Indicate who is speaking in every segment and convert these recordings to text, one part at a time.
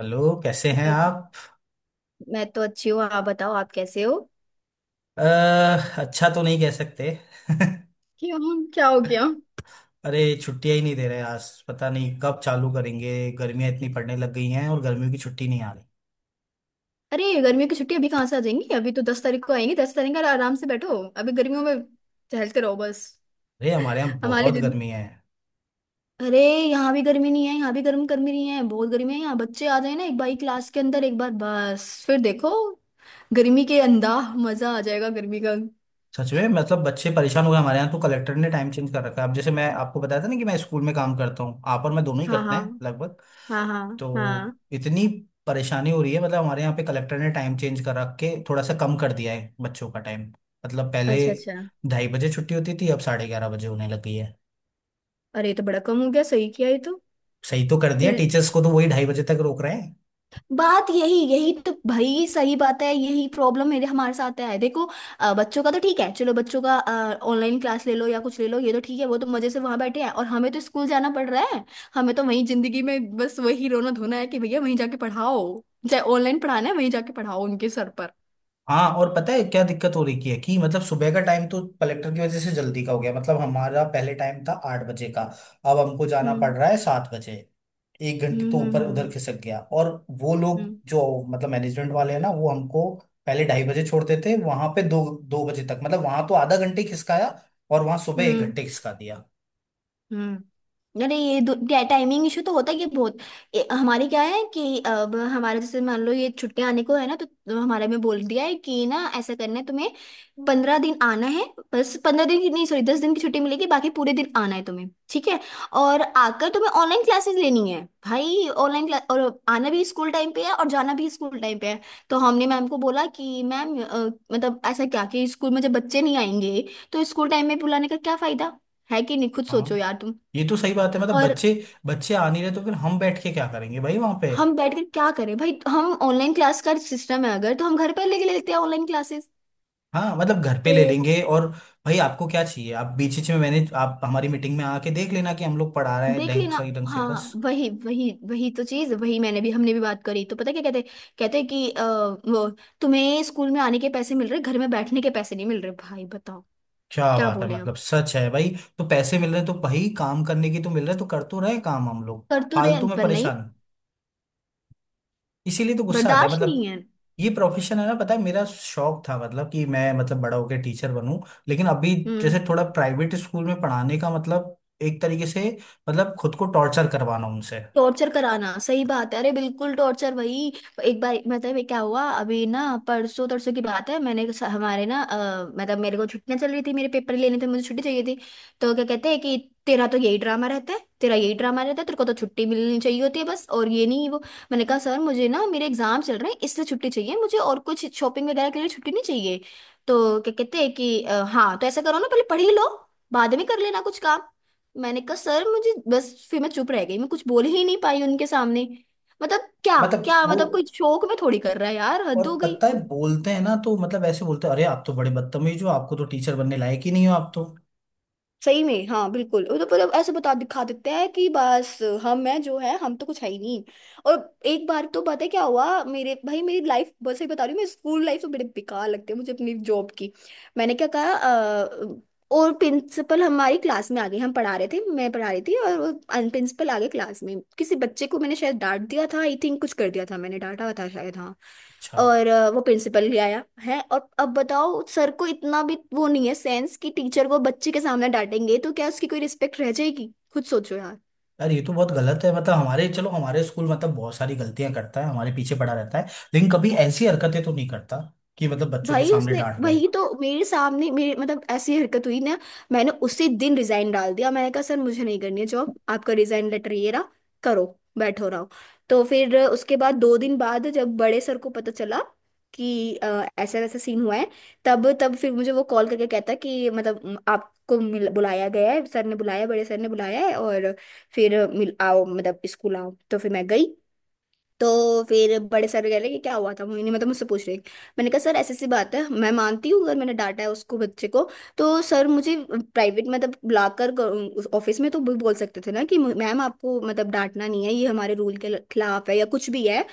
Speaker 1: Hello. कैसे हैं
Speaker 2: hello.
Speaker 1: आप?
Speaker 2: मैं तो अच्छी हूँ आप बताओ आप कैसे हो।
Speaker 1: अ, अच्छा तो नहीं कह सकते।
Speaker 2: क्यों क्या हो गया।
Speaker 1: अरे छुट्टियां ही नहीं दे रहे। आज पता नहीं कब चालू करेंगे। गर्मियां इतनी पड़ने लग गई हैं और गर्मियों की छुट्टी नहीं आ रही।
Speaker 2: अरे गर्मियों की छुट्टी अभी कहाँ से आ जाएंगी। अभी तो 10 तारीख को आएंगी। 10 तारीख का आराम से बैठो अभी गर्मियों में टहलते रहो बस।
Speaker 1: अरे हमारे यहाँ
Speaker 2: हमारे
Speaker 1: बहुत
Speaker 2: दिन।
Speaker 1: गर्मी है।
Speaker 2: अरे यहाँ भी गर्मी नहीं है। यहाँ भी गर्म गर्मी नहीं है, बहुत गर्मी है। यहाँ बच्चे आ जाए ना एक बार क्लास के अंदर एक बार बस फिर देखो। गर्मी के अंदा मजा आ जाएगा गर्मी का।
Speaker 1: सच में मतलब बच्चे परेशान हो गए। हमारे यहाँ तो कलेक्टर ने टाइम चेंज कर रखा है। अब जैसे मैं आपको बताया था ना कि मैं स्कूल में काम करता हूँ, आप और मैं दोनों ही
Speaker 2: हाँ
Speaker 1: करते
Speaker 2: हाँ।
Speaker 1: हैं लगभग।
Speaker 2: हाँ हाँ
Speaker 1: तो
Speaker 2: हाँ।
Speaker 1: इतनी परेशानी हो रही है। मतलब हमारे यहाँ पे कलेक्टर ने टाइम चेंज कर रख के थोड़ा सा कम कर दिया है बच्चों का टाइम। मतलब पहले
Speaker 2: अच्छा अच्छा।
Speaker 1: 2:30 बजे छुट्टी होती थी, अब 11:30 बजे होने लगी है।
Speaker 2: अरे ये तो बड़ा कम हो गया। सही किया ये।
Speaker 1: सही तो कर दिया,
Speaker 2: तो
Speaker 1: टीचर्स को तो वही 2:30 बजे तक रोक रहे हैं।
Speaker 2: बात यही यही तो भाई सही बात है। यही प्रॉब्लम मेरे हमारे साथ है देखो। बच्चों का तो ठीक है। चलो बच्चों का ऑनलाइन क्लास ले लो या कुछ ले लो, ये तो ठीक है। वो तो मजे से वहां बैठे हैं और हमें तो स्कूल जाना पड़ रहा है। हमें तो वही जिंदगी में बस वही रोना धोना है कि भैया वहीं जाके पढ़ाओ। चाहे ऑनलाइन पढ़ाना है वहीं जाके पढ़ाओ उनके सर पर।
Speaker 1: हाँ और पता है क्या दिक्कत हो रही की है कि मतलब सुबह का टाइम तो कलेक्टर की वजह से जल्दी का हो गया। मतलब हमारा पहले टाइम था 8 बजे का, अब हमको जाना पड़
Speaker 2: हम्म
Speaker 1: रहा है 7 बजे। एक घंटे तो ऊपर
Speaker 2: हम्म,
Speaker 1: उधर खिसक गया। और वो लोग
Speaker 2: हम्म
Speaker 1: जो मतलब मैनेजमेंट वाले हैं ना, वो हमको पहले 2:30 बजे छोड़ देते हैं, वहां पे दो 2 बजे तक। मतलब वहां तो आधा घंटे खिसकाया और वहां सुबह एक
Speaker 2: हम्म हम्म।
Speaker 1: घंटे खिसका दिया।
Speaker 2: अरे ये टाइमिंग इशू तो होता है ये बहुत। हमारे क्या है कि अब हमारे जैसे मान लो ये छुट्टियां आने को है ना, तो हमारे में बोल दिया है कि ना ऐसा करना है तुम्हें। 15 दिन आना है। बस 15 दिन की नहीं सॉरी 10 दिन की छुट्टी मिलेगी, बाकी पूरे दिन आना है तुम्हें ठीक है। और आकर तुम्हें ऑनलाइन क्लासेस लेनी है। भाई ऑनलाइन क्लास, और आना भी स्कूल टाइम पे है और जाना भी स्कूल टाइम पे है। तो हमने मैम को बोला कि मैम मतलब ऐसा क्या कि स्कूल में जब बच्चे नहीं आएंगे तो स्कूल टाइम में बुलाने का क्या फायदा। है कि नहीं, खुद सोचो
Speaker 1: हाँ,
Speaker 2: यार तुम।
Speaker 1: ये तो सही बात है। मतलब
Speaker 2: और
Speaker 1: बच्चे बच्चे आ नहीं रहे तो फिर हम बैठ के क्या करेंगे भाई वहां पे।
Speaker 2: हम बैठकर क्या करें भाई। हम ऑनलाइन क्लास का सिस्टम है अगर तो हम घर पर लेके ले लेते हैं ऑनलाइन क्लासेस।
Speaker 1: हाँ, मतलब घर पे ले
Speaker 2: तो
Speaker 1: लेंगे। और भाई आपको क्या चाहिए, आप बीच बीच में मैंने आप हमारी मीटिंग में आके देख लेना कि हम लोग पढ़ा रहे हैं
Speaker 2: देख
Speaker 1: ढंग,
Speaker 2: लेना।
Speaker 1: सही ढंग से बस।
Speaker 2: हाँ वही वही वही तो चीज। वही मैंने भी हमने भी बात करी। तो पता है क्या कहते। कहते कि वो तुम्हें स्कूल में आने के पैसे मिल रहे, घर में बैठने के पैसे नहीं मिल रहे भाई बताओ।
Speaker 1: क्या
Speaker 2: क्या
Speaker 1: बात है,
Speaker 2: बोले हम।
Speaker 1: मतलब सच है भाई। तो पैसे मिल रहे हैं तो भाई काम करने की तो मिल रहे हैं, तो कर तो रहे काम हम लोग।
Speaker 2: कर तो रहे
Speaker 1: फालतू
Speaker 2: हैं,
Speaker 1: में
Speaker 2: पर नहीं।
Speaker 1: परेशान। इसीलिए तो गुस्सा आता है
Speaker 2: बर्दाश्त नहीं
Speaker 1: मतलब।
Speaker 2: है।
Speaker 1: ये प्रोफेशन है ना, पता है मेरा शौक था मतलब कि मैं मतलब बड़ा होकर टीचर बनूं। लेकिन अभी
Speaker 2: हम्म।
Speaker 1: जैसे थोड़ा प्राइवेट स्कूल में पढ़ाने का मतलब, एक तरीके से मतलब खुद को टॉर्चर करवाना उनसे।
Speaker 2: टॉर्चर कराना सही बात है। अरे बिल्कुल टॉर्चर वही। एक बार मतलब ये क्या हुआ। अभी ना परसों तरसों की बात है। मैंने हमारे ना मतलब मेरे को छुट्टियां चल रही थी। मेरे पेपर लेने थे, मुझे छुट्टी चाहिए थी। तो क्या कहते हैं कि तेरा तो यही ड्रामा रहता है, तेरा यही ड्रामा रहता है, तेरे को तो छुट्टी मिलनी चाहिए होती है बस और ये नहीं वो। मैंने कहा सर मुझे ना मेरे एग्जाम चल रहे हैं इसलिए छुट्टी चाहिए मुझे, और कुछ शॉपिंग वगैरह के लिए छुट्टी नहीं चाहिए। तो क्या कहते हैं कि हाँ तो ऐसा करो ना पहले पढ़ ही लो, बाद में कर लेना कुछ काम। मैंने कहा सर मुझे बस, फिर मैं चुप रह गई। मैं कुछ बोल ही नहीं पाई उनके सामने। मतलब क्या
Speaker 1: मतलब
Speaker 2: क्या
Speaker 1: वो
Speaker 2: मतलब, कोई शौक में थोड़ी कर रहा है यार, हद
Speaker 1: और
Speaker 2: हो गई।
Speaker 1: पता है बोलते हैं ना तो मतलब ऐसे बोलते हैं, अरे आप तो बड़े बदतमीज हो, आपको तो टीचर बनने लायक ही नहीं, हो आप तो।
Speaker 2: सही में हाँ बिल्कुल। वो तो मतलब ऐसे बता दिखा देते हैं कि बस हम हैं जो है हम तो कुछ है ही नहीं। और एक बार तो पता है क्या हुआ मेरे भाई, मेरी लाइफ बस सही बता रही हूँ मैं। स्कूल लाइफ तो बड़े बेकार लगती है मुझे अपनी जॉब की। मैंने क्या कहा और प्रिंसिपल हमारी क्लास में आ गई। हम पढ़ा रहे थे, मैं पढ़ा रही थी और वो प्रिंसिपल आ गए क्लास में। किसी बच्चे को मैंने शायद डांट दिया था आई थिंक, कुछ कर दिया था मैंने, डांटा था शायद हाँ।
Speaker 1: अच्छा।
Speaker 2: और वो प्रिंसिपल भी आया है। और अब बताओ सर को इतना भी वो नहीं है सेंस कि टीचर को बच्चे के सामने डांटेंगे तो क्या उसकी कोई रिस्पेक्ट रह जाएगी, खुद सोचो यार।
Speaker 1: यार ये तो बहुत गलत है। मतलब हमारे, चलो हमारे स्कूल मतलब बहुत सारी गलतियां करता है, हमारे पीछे पड़ा रहता है, लेकिन कभी ऐसी हरकतें तो नहीं करता कि मतलब बच्चों के
Speaker 2: भाई
Speaker 1: सामने
Speaker 2: उसने
Speaker 1: डांट दे।
Speaker 2: वही तो मेरे सामने मेरे मतलब ऐसी हरकत हुई ना, मैंने उसी दिन रिजाइन डाल दिया। मैंने कहा सर मुझे नहीं करनी है जॉब, आपका रिजाइन लेटर ये रहा। करो बैठो रहो। तो फिर उसके बाद दो दिन बाद जब बड़े सर को पता चला कि ऐसा वैसा सीन हुआ है, तब तब फिर मुझे वो कॉल करके कहता है कि मतलब आपको बुलाया गया है, सर ने बुलाया बड़े सर ने बुलाया है, और फिर मिल आओ मतलब स्कूल आओ। तो फिर मैं गई। तो फिर बड़े सर कह रहे कि क्या हुआ था मोहिनी, मतलब मुझसे पूछ रही। मैंने कहा सर ऐसी सी बात है मैं मानती हूँ अगर मैंने डांटा है उसको बच्चे को, तो सर मुझे प्राइवेट मतलब बुलाकर ऑफिस में तो भी बोल सकते थे ना कि मैम आपको मतलब डांटना नहीं है, ये हमारे रूल के खिलाफ है या कुछ भी है।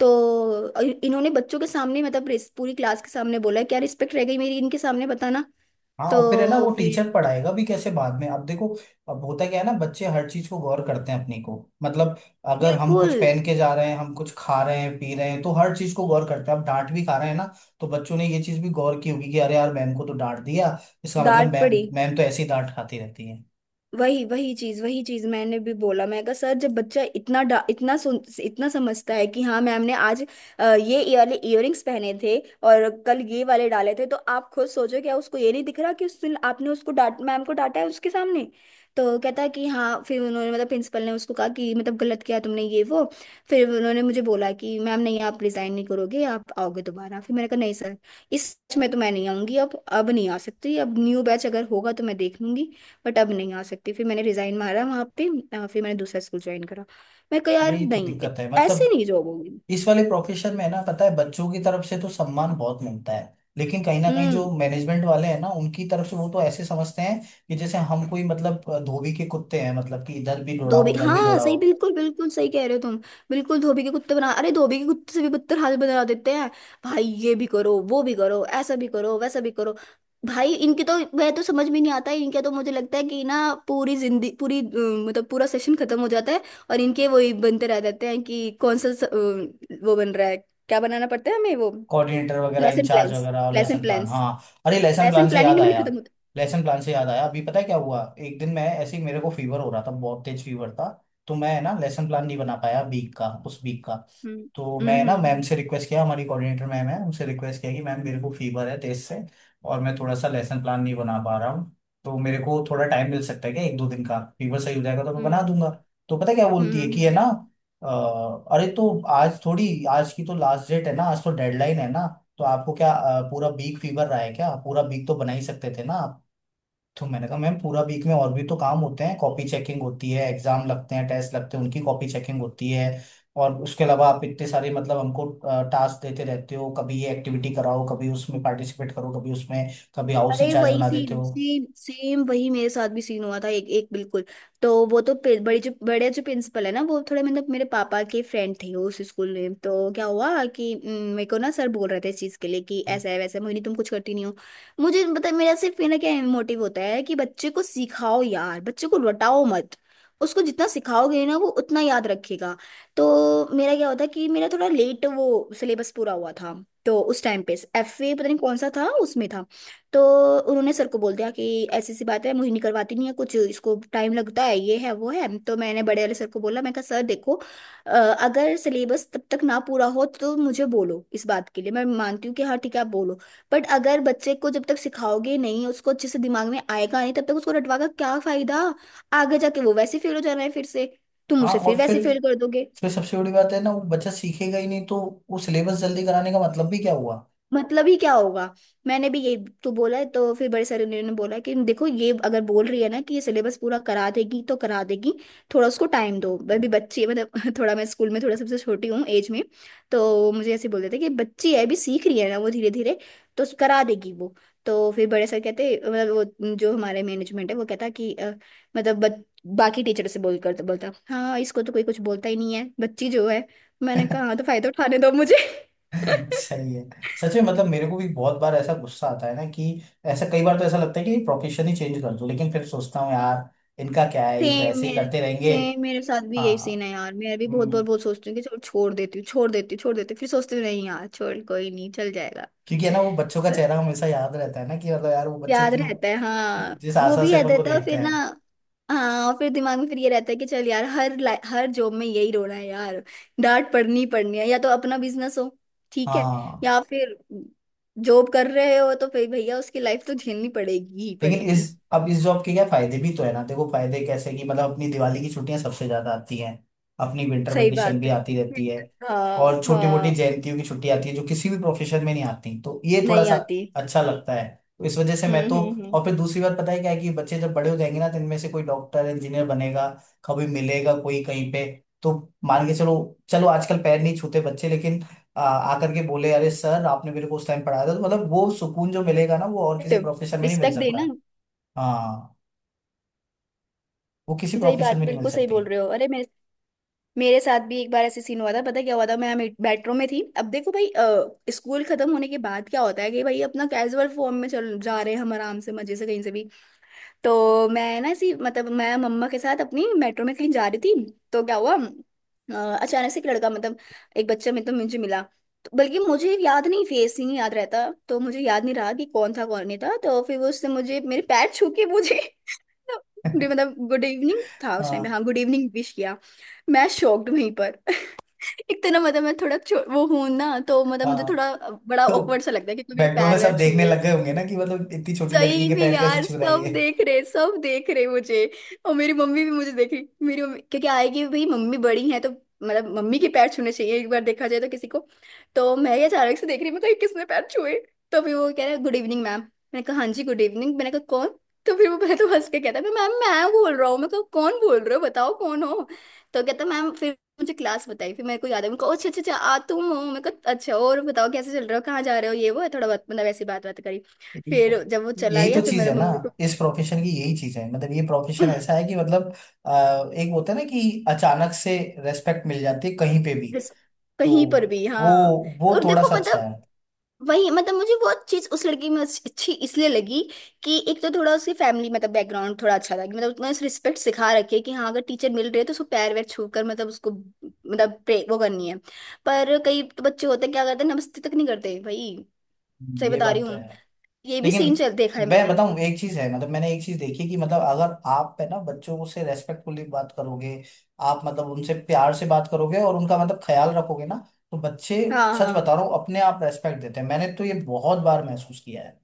Speaker 2: तो इन्होंने बच्चों के सामने मतलब पूरी क्लास के सामने बोला। क्या रिस्पेक्ट रह गई मेरी इनके सामने बताना।
Speaker 1: हाँ, और फिर है ना,
Speaker 2: तो
Speaker 1: वो
Speaker 2: फिर
Speaker 1: टीचर पढ़ाएगा भी कैसे बाद में? अब देखो, अब होता क्या है ना, बच्चे हर चीज को गौर करते हैं अपनी को। मतलब अगर हम कुछ
Speaker 2: बिल्कुल
Speaker 1: पहन के जा रहे हैं, हम कुछ खा रहे हैं, पी रहे हैं, तो हर चीज को गौर करते हैं। अब डांट भी खा रहे हैं ना, तो बच्चों ने ये चीज भी गौर की होगी कि अरे यार, मैम को तो डांट दिया। इसका मतलब
Speaker 2: डांट
Speaker 1: मैम
Speaker 2: पड़ी।
Speaker 1: मैम तो ऐसे ही डांट खाती रहती है।
Speaker 2: वही वही चीज, वही चीज मैंने भी बोला। मैं कहा सर जब बच्चा इतना इतना इतना समझता है कि हाँ मैम ने आज ये वाले इयररिंग्स पहने थे और कल ये वाले डाले थे, तो आप खुद सोचो क्या उसको ये नहीं दिख रहा कि उस दिन आपने उसको डांट मैम को डांटा है उसके सामने। तो कहता है कि हाँ। फिर उन्होंने मतलब प्रिंसिपल ने उसको कहा कि मतलब गलत किया तुमने ये वो। फिर उन्होंने मुझे बोला कि मैम नहीं आप रिजाइन नहीं करोगे, आप आओगे दोबारा। फिर मैंने कहा नहीं सर, इस batch में तो मैं नहीं आऊंगी। अब नहीं आ सकती। अब न्यू बैच अगर होगा तो मैं देख लूंगी, बट अब नहीं आ सकती। फिर मैंने रिजाइन मारा वहाँ पे। फिर मैंने दूसरा स्कूल ज्वाइन करा। मैं कहा यार
Speaker 1: यही तो
Speaker 2: नहीं
Speaker 1: दिक्कत है।
Speaker 2: ऐसे
Speaker 1: मतलब
Speaker 2: नहीं जॉब होगी।
Speaker 1: इस वाले प्रोफेशन में ना पता है, बच्चों की तरफ से तो सम्मान बहुत मिलता है, लेकिन कहीं ना कहीं
Speaker 2: हम्म।
Speaker 1: जो मैनेजमेंट वाले हैं ना, उनकी तरफ से वो तो ऐसे समझते हैं कि जैसे हम कोई मतलब धोबी के कुत्ते हैं। मतलब कि इधर भी
Speaker 2: धोबी
Speaker 1: दौड़ाओ, उधर भी
Speaker 2: हाँ सही,
Speaker 1: दौड़ाओ।
Speaker 2: बिल्कुल बिल्कुल सही कह रहे हो तुम। बिल्कुल धोबी के कुत्ते बना, अरे धोबी के कुत्ते से भी बदतर हाल बना देते हैं। भाई ये भी करो वो भी करो ऐसा भी करो वैसा भी करो। भाई इनके तो वह तो समझ में नहीं आता है। इनके तो मुझे लगता है कि ना पूरी जिंदगी पूरी मतलब पूरा सेशन खत्म हो जाता है। और इनके वही बनते रह जाते हैं कि कौन सा वो बन रहा है। क्या बनाना पड़ता है हमें वो।
Speaker 1: कोऑर्डिनेटर वगैरह,
Speaker 2: लेसन
Speaker 1: इंचार्ज
Speaker 2: प्लान्स
Speaker 1: वगैरह, और
Speaker 2: लेसन
Speaker 1: लेसन प्लान,
Speaker 2: प्लान्स।
Speaker 1: हाँ। अरे लेसन
Speaker 2: लेसन
Speaker 1: प्लान से
Speaker 2: प्लान ही
Speaker 1: याद
Speaker 2: नहीं बनी
Speaker 1: आया।
Speaker 2: खत्म होता।
Speaker 1: अभी पता है क्या हुआ, एक दिन मैं ऐसे ही, मेरे को फीवर हो रहा था, बहुत तेज फीवर था। तो मैं ना लेसन प्लान नहीं बना पाया वीक का, उस वीक का। तो मैं ना मैम
Speaker 2: हम्म,
Speaker 1: से रिक्वेस्ट किया, हमारी कोऑर्डिनेटर मैम है, उनसे रिक्वेस्ट किया कि मैम मेरे को फीवर है तेज से, और मैं थोड़ा सा लेसन प्लान नहीं बना पा रहा हूँ, तो मेरे को थोड़ा टाइम मिल सकता है क्या? एक दो दिन का, फीवर सही हो जाएगा तो मैं बना
Speaker 2: हम्म
Speaker 1: दूंगा। तो पता है क्या
Speaker 2: हम्म,
Speaker 1: बोलती है कि है
Speaker 2: हम्म।
Speaker 1: ना, अरे तो आज थोड़ी, आज की तो लास्ट डेट है ना, आज तो डेडलाइन है ना। तो आपको क्या पूरा वीक फीवर रहा है क्या? पूरा वीक तो बना ही सकते थे ना। तो मैंने कहा मैम, पूरा वीक में और भी तो काम होते हैं, कॉपी चेकिंग होती है, एग्जाम लगते हैं, टेस्ट लगते हैं, उनकी कॉपी चेकिंग होती है, और उसके अलावा आप इतने सारे मतलब हमको टास्क देते रहते हो, कभी ये एक्टिविटी कराओ, कभी उसमें पार्टिसिपेट करो, कभी उसमें, कभी हाउस
Speaker 2: अरे
Speaker 1: इंचार्ज
Speaker 2: वही
Speaker 1: बना देते
Speaker 2: सेम
Speaker 1: हो।
Speaker 2: सेम सेम वही मेरे साथ भी सीन हुआ था एक एक बिल्कुल। तो वो तो बड़ी जो बड़े जो प्रिंसिपल है ना, वो थोड़े मतलब मेरे पापा के फ्रेंड थे उस स्कूल में। तो क्या हुआ कि मेरे को ना सर बोल रहे थे इस चीज़ के लिए कि ऐसा है वैसा है, मोहिनी तुम कुछ करती नहीं हो। मुझे पता है, मेरा सिर्फ ये ना क्या मोटिव होता है कि बच्चे को सिखाओ यार, बच्चे को रटाओ मत। उसको जितना सिखाओगे ना वो उतना याद रखेगा। तो मेरा क्या होता कि मेरा थोड़ा लेट वो सिलेबस पूरा हुआ था। तो उस टाइम पे FA पता नहीं कौन सा था उसमें था। तो उन्होंने सर को बोल दिया कि ऐसी सी बात है मुझे नहीं करवाती नहीं है कुछ, इसको टाइम लगता है, ये है वो है। तो मैंने बड़े वाले सर को बोला। मैं कहा सर देखो अगर सिलेबस तब तक ना पूरा हो तो मुझे बोलो इस बात के लिए, मैं मानती हूँ कि हाँ ठीक है आप बोलो। बट अगर बच्चे को जब तक सिखाओगे नहीं, उसको अच्छे से दिमाग में आएगा नहीं, तब तक उसको रटवा का क्या फायदा। आगे जाके वो वैसे फेल हो जाना है फिर से, तुम
Speaker 1: हाँ
Speaker 2: उसे
Speaker 1: और
Speaker 2: फिर
Speaker 1: फिर
Speaker 2: वैसे फेल कर दोगे।
Speaker 1: फिर सबसे बड़ी बात है ना, वो बच्चा सीखेगा ही नहीं तो वो सिलेबस जल्दी कराने का मतलब भी क्या हुआ?
Speaker 2: मतलब ही क्या होगा। मैंने भी ये तो बोला है। तो फिर बड़े सर ने उन्होंने बोला कि देखो ये अगर बोल रही है ना कि ये सिलेबस पूरा करा देगी तो करा देगी। थोड़ा उसको टाइम दो, मैं भी बच्ची है मतलब थोड़ा मैं स्कूल में थोड़ा सबसे छोटी हूँ एज में। तो मुझे ऐसे बोलते थे कि बच्ची है अभी सीख रही है ना वो धीरे धीरे, तो करा देगी वो। तो फिर बड़े सर कहते मतलब वो जो हमारे मैनेजमेंट है वो कहता कि मतलब बाकी टीचर से बोल कर बोलता हाँ इसको तो कोई कुछ बोलता ही नहीं है बच्ची जो है। मैंने कहा हाँ तो फायदा उठाने दो मुझे।
Speaker 1: सही है। सच में मतलब मेरे को भी बहुत बार ऐसा गुस्सा आता है ना कि ऐसा, कई बार तो ऐसा लगता है कि प्रोफेशन ही चेंज कर दूं, लेकिन फिर सोचता हूँ यार, इनका क्या है, ये तो
Speaker 2: सेम
Speaker 1: ऐसे ही
Speaker 2: मेरे
Speaker 1: करते रहेंगे।
Speaker 2: सेम मेरे साथ भी यही सीन
Speaker 1: हाँ।
Speaker 2: है यार। मैं भी बहुत
Speaker 1: हम्म।
Speaker 2: बार बहुत सोचती हूँ कि चलो छोड़ देती हूँ छोड़ देती हूँ छोड़ देती हूँ, फिर सोचती हूँ नहीं यार छोड़, कोई नहीं चल जाएगा।
Speaker 1: क्योंकि है ना, वो बच्चों का चेहरा हमेशा याद रहता है ना कि मतलब यार, वो बच्चे
Speaker 2: याद
Speaker 1: जो
Speaker 2: रहता है हाँ।
Speaker 1: जिस
Speaker 2: वो
Speaker 1: आशा
Speaker 2: भी
Speaker 1: से
Speaker 2: याद
Speaker 1: अपन को
Speaker 2: रहता है, और
Speaker 1: देखते
Speaker 2: फिर ना
Speaker 1: हैं।
Speaker 2: हाँ और फिर दिमाग में फिर ये रहता है कि चल यार, हर हर जॉब में यही रोना है यार। डांट पड़नी ही पड़नी है, या तो अपना बिजनेस हो। ठीक है।
Speaker 1: हाँ।
Speaker 2: या फिर जॉब कर रहे हो तो फिर भैया उसकी लाइफ तो झेलनी पड़ेगी ही
Speaker 1: लेकिन इस,
Speaker 2: पड़ेगी।
Speaker 1: अब इस जॉब के क्या फायदे भी तो है ना। देखो फायदे कैसे कि मतलब अपनी दिवाली की छुट्टियां सबसे ज्यादा आती हैं, अपनी विंटर
Speaker 2: सही
Speaker 1: वेकेशन
Speaker 2: बात
Speaker 1: भी
Speaker 2: है।
Speaker 1: आती रहती है,
Speaker 2: हाँ
Speaker 1: और छोटी मोटी
Speaker 2: हाँ।
Speaker 1: जयंतियों की छुट्टी आती है जो किसी भी प्रोफेशन में नहीं आती। तो ये थोड़ा
Speaker 2: नहीं
Speaker 1: सा
Speaker 2: आती।
Speaker 1: अच्छा लगता है। तो इस वजह से मैं तो,
Speaker 2: हम्म।
Speaker 1: और फिर दूसरी बात पता है क्या है, कि बच्चे जब बड़े हो जाएंगे ना, तो इनमें से कोई डॉक्टर, इंजीनियर बनेगा, कभी मिलेगा कोई कहीं पे। तो मान के चलो, चलो आजकल पैर नहीं छूते बच्चे, लेकिन आकर के बोले अरे सर, आपने मेरे को उस टाइम पढ़ाया था, तो मतलब वो सुकून जो मिलेगा ना, वो और किसी
Speaker 2: रिस्पेक्ट।
Speaker 1: प्रोफेशन में नहीं मिल
Speaker 2: रिस्पेक्ट
Speaker 1: सकता।
Speaker 2: देना।
Speaker 1: हाँ, वो किसी
Speaker 2: सही
Speaker 1: प्रोफेशन
Speaker 2: बात,
Speaker 1: में नहीं मिल
Speaker 2: बिल्कुल सही
Speaker 1: सकती।
Speaker 2: बोल रहे हो। अरे मेरे मेरे साथ भी एक बार ऐसे सीन हुआ था। पता है क्या हुआ था? मैं मेट्रो में थी। अब देखो भाई, स्कूल खत्म होने के बाद क्या होता है कि भाई अपना कैजुअल फॉर्म में चल जा रहे हैं हम, आराम से मजे से कहीं से भी। तो मैं ना ऐसी, मतलब मैं मम्मा के साथ अपनी मेट्रो में कहीं जा रही थी। तो क्या हुआ, अचानक से एक लड़का, मतलब एक बच्चा मेरे, तो मुझे मिला। तो बल्कि मुझे याद नहीं, फेस ही नहीं याद रहता, तो मुझे याद नहीं रहा कि कौन था कौन नहीं था। तो फिर वो, उसने मुझे मेरे पैर छू के मुझे मतलब गुड इवनिंग था उस टाइम पे,
Speaker 1: हाँ
Speaker 2: हाँ गुड इवनिंग विश किया। मैं शॉक्ड वहीं पर। एक तो ना मतलब मैं थोड़ा वो हूं ना, तो मतलब मुझे
Speaker 1: हाँ,
Speaker 2: थोड़ा बड़ा
Speaker 1: तो
Speaker 2: ऑकवर्ड सा लगता है कि कोई मेरे
Speaker 1: मेट्रो में
Speaker 2: पैर वैर
Speaker 1: सब देखने
Speaker 2: छुए।
Speaker 1: लग गए होंगे ना कि मतलब इतनी छोटी लड़की
Speaker 2: सही
Speaker 1: के
Speaker 2: में
Speaker 1: पैर कैसे
Speaker 2: यार,
Speaker 1: छू रहा है
Speaker 2: सब
Speaker 1: ये।
Speaker 2: देख रहे, सब देख रहे मुझे। और मेरी मम्मी भी मुझे देख रही, मेरी मम्मी, क्योंकि आएगी भाई, मम्मी बड़ी है तो मतलब मम्मी के पैर छूने चाहिए, एक बार देखा जाए तो किसी को। तो मैं ये अचानक से देख रही, मैं कहीं किसने पैर छुए? तो फिर वो कह रहा है गुड इवनिंग मैम, मैंने कहा हाँ जी गुड इवनिंग, मैंने कहा कौन? तो फिर वो पहले तो हंस के कहता है मैम मैं बोल रहा हूँ, मैं कहा कौन बोल रहे हो, बताओ कौन हो। तो कहता मैम, फिर मुझे क्लास बताई, फिर मेरे को याद है, मैं कहा अच्छा अच्छा अच्छा, आ तुम हो, मैं कहा अच्छा और बताओ कैसे चल रहे हो, कहाँ जा रहे हो, ये वो है, थोड़ा बहुत मतलब ऐसी बात बात करी।
Speaker 1: यही
Speaker 2: फिर
Speaker 1: तो
Speaker 2: जब वो चला
Speaker 1: यही तो
Speaker 2: गया फिर
Speaker 1: चीज
Speaker 2: मेरे
Speaker 1: है ना,
Speaker 2: मम्मी को
Speaker 1: इस प्रोफेशन की यही चीज है। मतलब ये प्रोफेशन ऐसा है कि मतलब एक होता है ना कि अचानक से रेस्पेक्ट मिल जाती है कहीं पे भी।
Speaker 2: जिस
Speaker 1: तो
Speaker 2: कहीं पर भी
Speaker 1: वो
Speaker 2: हाँ।
Speaker 1: वो
Speaker 2: और
Speaker 1: थोड़ा
Speaker 2: देखो
Speaker 1: सा अच्छा
Speaker 2: मतलब
Speaker 1: है।
Speaker 2: वही, मतलब मुझे वो चीज उस लड़की में अच्छी, अच्छी इसलिए लगी कि एक तो थोड़ा उसकी फैमिली मतलब बैकग्राउंड थोड़ा अच्छा था कि मतलब उसने रिस्पेक्ट सिखा रखी है कि हाँ अगर टीचर मिल रहे है तो उसको पैर वैर छू कर मतलब उसको मतलब प्रे वो करनी है। पर कई तो बच्चे होते हैं, क्या करते हैं, नमस्ते तक नहीं करते भाई। सही
Speaker 1: ये
Speaker 2: बता रही
Speaker 1: बात तो है।
Speaker 2: हूँ। ये भी
Speaker 1: लेकिन
Speaker 2: सीन चल देखा है
Speaker 1: मैं
Speaker 2: मैंने।
Speaker 1: बताऊं एक चीज है, मतलब मैंने एक चीज देखी कि मतलब अगर आप है ना बच्चों से रेस्पेक्टफुली बात करोगे, आप मतलब उनसे प्यार से बात करोगे और उनका मतलब ख्याल रखोगे ना, तो बच्चे,
Speaker 2: हाँ
Speaker 1: सच
Speaker 2: हाँ
Speaker 1: बता रहा हूँ, अपने आप रेस्पेक्ट देते हैं। मैंने तो ये बहुत बार महसूस किया है।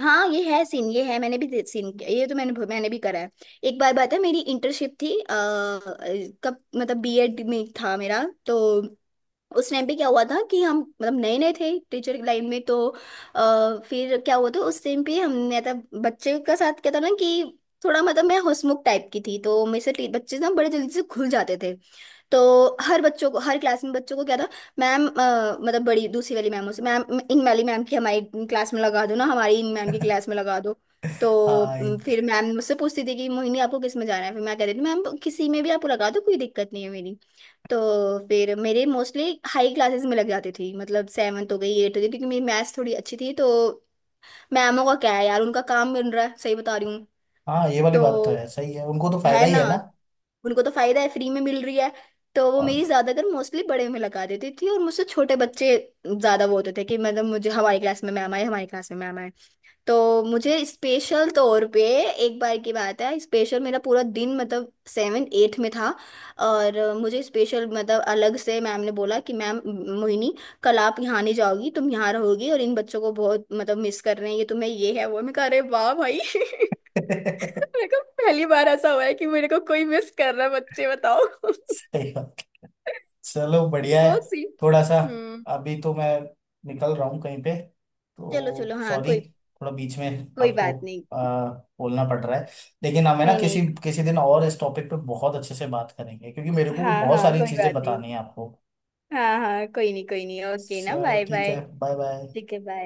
Speaker 2: हाँ। ये है सीन, ये है, मैंने भी सीन किया, ये तो मैंने, मैंने भी करा है। एक बार बात है, मेरी इंटर्नशिप थी, कब मतलब बीएड में था मेरा। तो उस टाइम पे क्या हुआ था कि हम मतलब नए नए थे टीचर की लाइन में। तो फिर क्या हुआ था उस टाइम पे हमने था, बच्चे का साथ क्या था ना कि थोड़ा मतलब मैं हंसमुख टाइप की थी, तो मेरे से बच्चे ना बड़े जल्दी से खुल जाते थे। तो हर बच्चों को, हर क्लास में बच्चों को क्या था, मैम मतलब बड़ी दूसरी वाली मैमों से, मैम इन वाली मैम की हमारी क्लास में लगा दो ना, हमारी इन मैम की क्लास में लगा दो। तो
Speaker 1: हाँ ये-
Speaker 2: फिर मैम मुझसे पूछती थी कि मोहिनी आपको किस में जाना है, फिर मैं कह देती थी मैम किसी में भी आपको लगा दो, कोई दिक्कत नहीं है मेरी। तो फिर मेरे मोस्टली हाई क्लासेस में लग जाती थी, मतलब सेवन्थ हो गई एट हो गई, क्योंकि मेरी मैथ्स थोड़ी अच्छी थी। तो मैमों का क्या है यार, उनका काम मिल रहा है, सही बता रही हूँ।
Speaker 1: हाँ ये वाली
Speaker 2: तो
Speaker 1: बात तो है, सही है, उनको तो फायदा
Speaker 2: है
Speaker 1: ही
Speaker 2: ना,
Speaker 1: है ना।
Speaker 2: उनको तो फायदा है, फ्री में मिल रही है। तो वो
Speaker 1: और
Speaker 2: मेरी
Speaker 1: क्या?
Speaker 2: ज्यादातर मोस्टली बड़े में लगा देती थी, और मुझसे छोटे बच्चे ज्यादा वो होते थे कि मतलब मुझे हमारी क्लास में मैम आए, हमारी क्लास में मैम आए। तो मुझे स्पेशल तौर पे, एक बार की बात है, स्पेशल मेरा पूरा दिन मतलब सेवन एट में था, और मुझे स्पेशल मतलब अलग से मैम ने बोला कि मैम मोहिनी, कल आप यहाँ नहीं जाओगी, तुम यहाँ रहोगी, और इन बच्चों को बहुत मतलब मिस कर रहे हैं ये, तुम्हें ये है वो है। मैं कह अरे वाह भाई। मेरे को पहली बार ऐसा हुआ है कि मेरे को कोई मिस कर रहा है, बच्चे बताओ।
Speaker 1: सही बात। चलो बढ़िया है।
Speaker 2: बहुत सी।
Speaker 1: थोड़ा सा,
Speaker 2: हम्म।
Speaker 1: अभी तो मैं निकल रहा हूँ कहीं पे,
Speaker 2: चलो
Speaker 1: तो
Speaker 2: चलो हाँ
Speaker 1: सॉरी,
Speaker 2: कोई,
Speaker 1: थोड़ा बीच में
Speaker 2: कोई
Speaker 1: आपको
Speaker 2: बात नहीं।
Speaker 1: आ, बोलना पड़ रहा है, लेकिन हमें ना
Speaker 2: नहीं
Speaker 1: किसी
Speaker 2: नहीं,
Speaker 1: किसी दिन और इस टॉपिक पे बहुत अच्छे से बात करेंगे, क्योंकि मेरे को भी
Speaker 2: हाँ
Speaker 1: बहुत
Speaker 2: हाँ
Speaker 1: सारी
Speaker 2: कोई
Speaker 1: चीजें
Speaker 2: बात नहीं,
Speaker 1: बतानी है आपको।
Speaker 2: हाँ हाँ कोई नहीं कोई नहीं, ओके ना,
Speaker 1: चलो
Speaker 2: बाय
Speaker 1: ठीक
Speaker 2: बाय।
Speaker 1: है, बाय बाय।
Speaker 2: ठीक है बाय।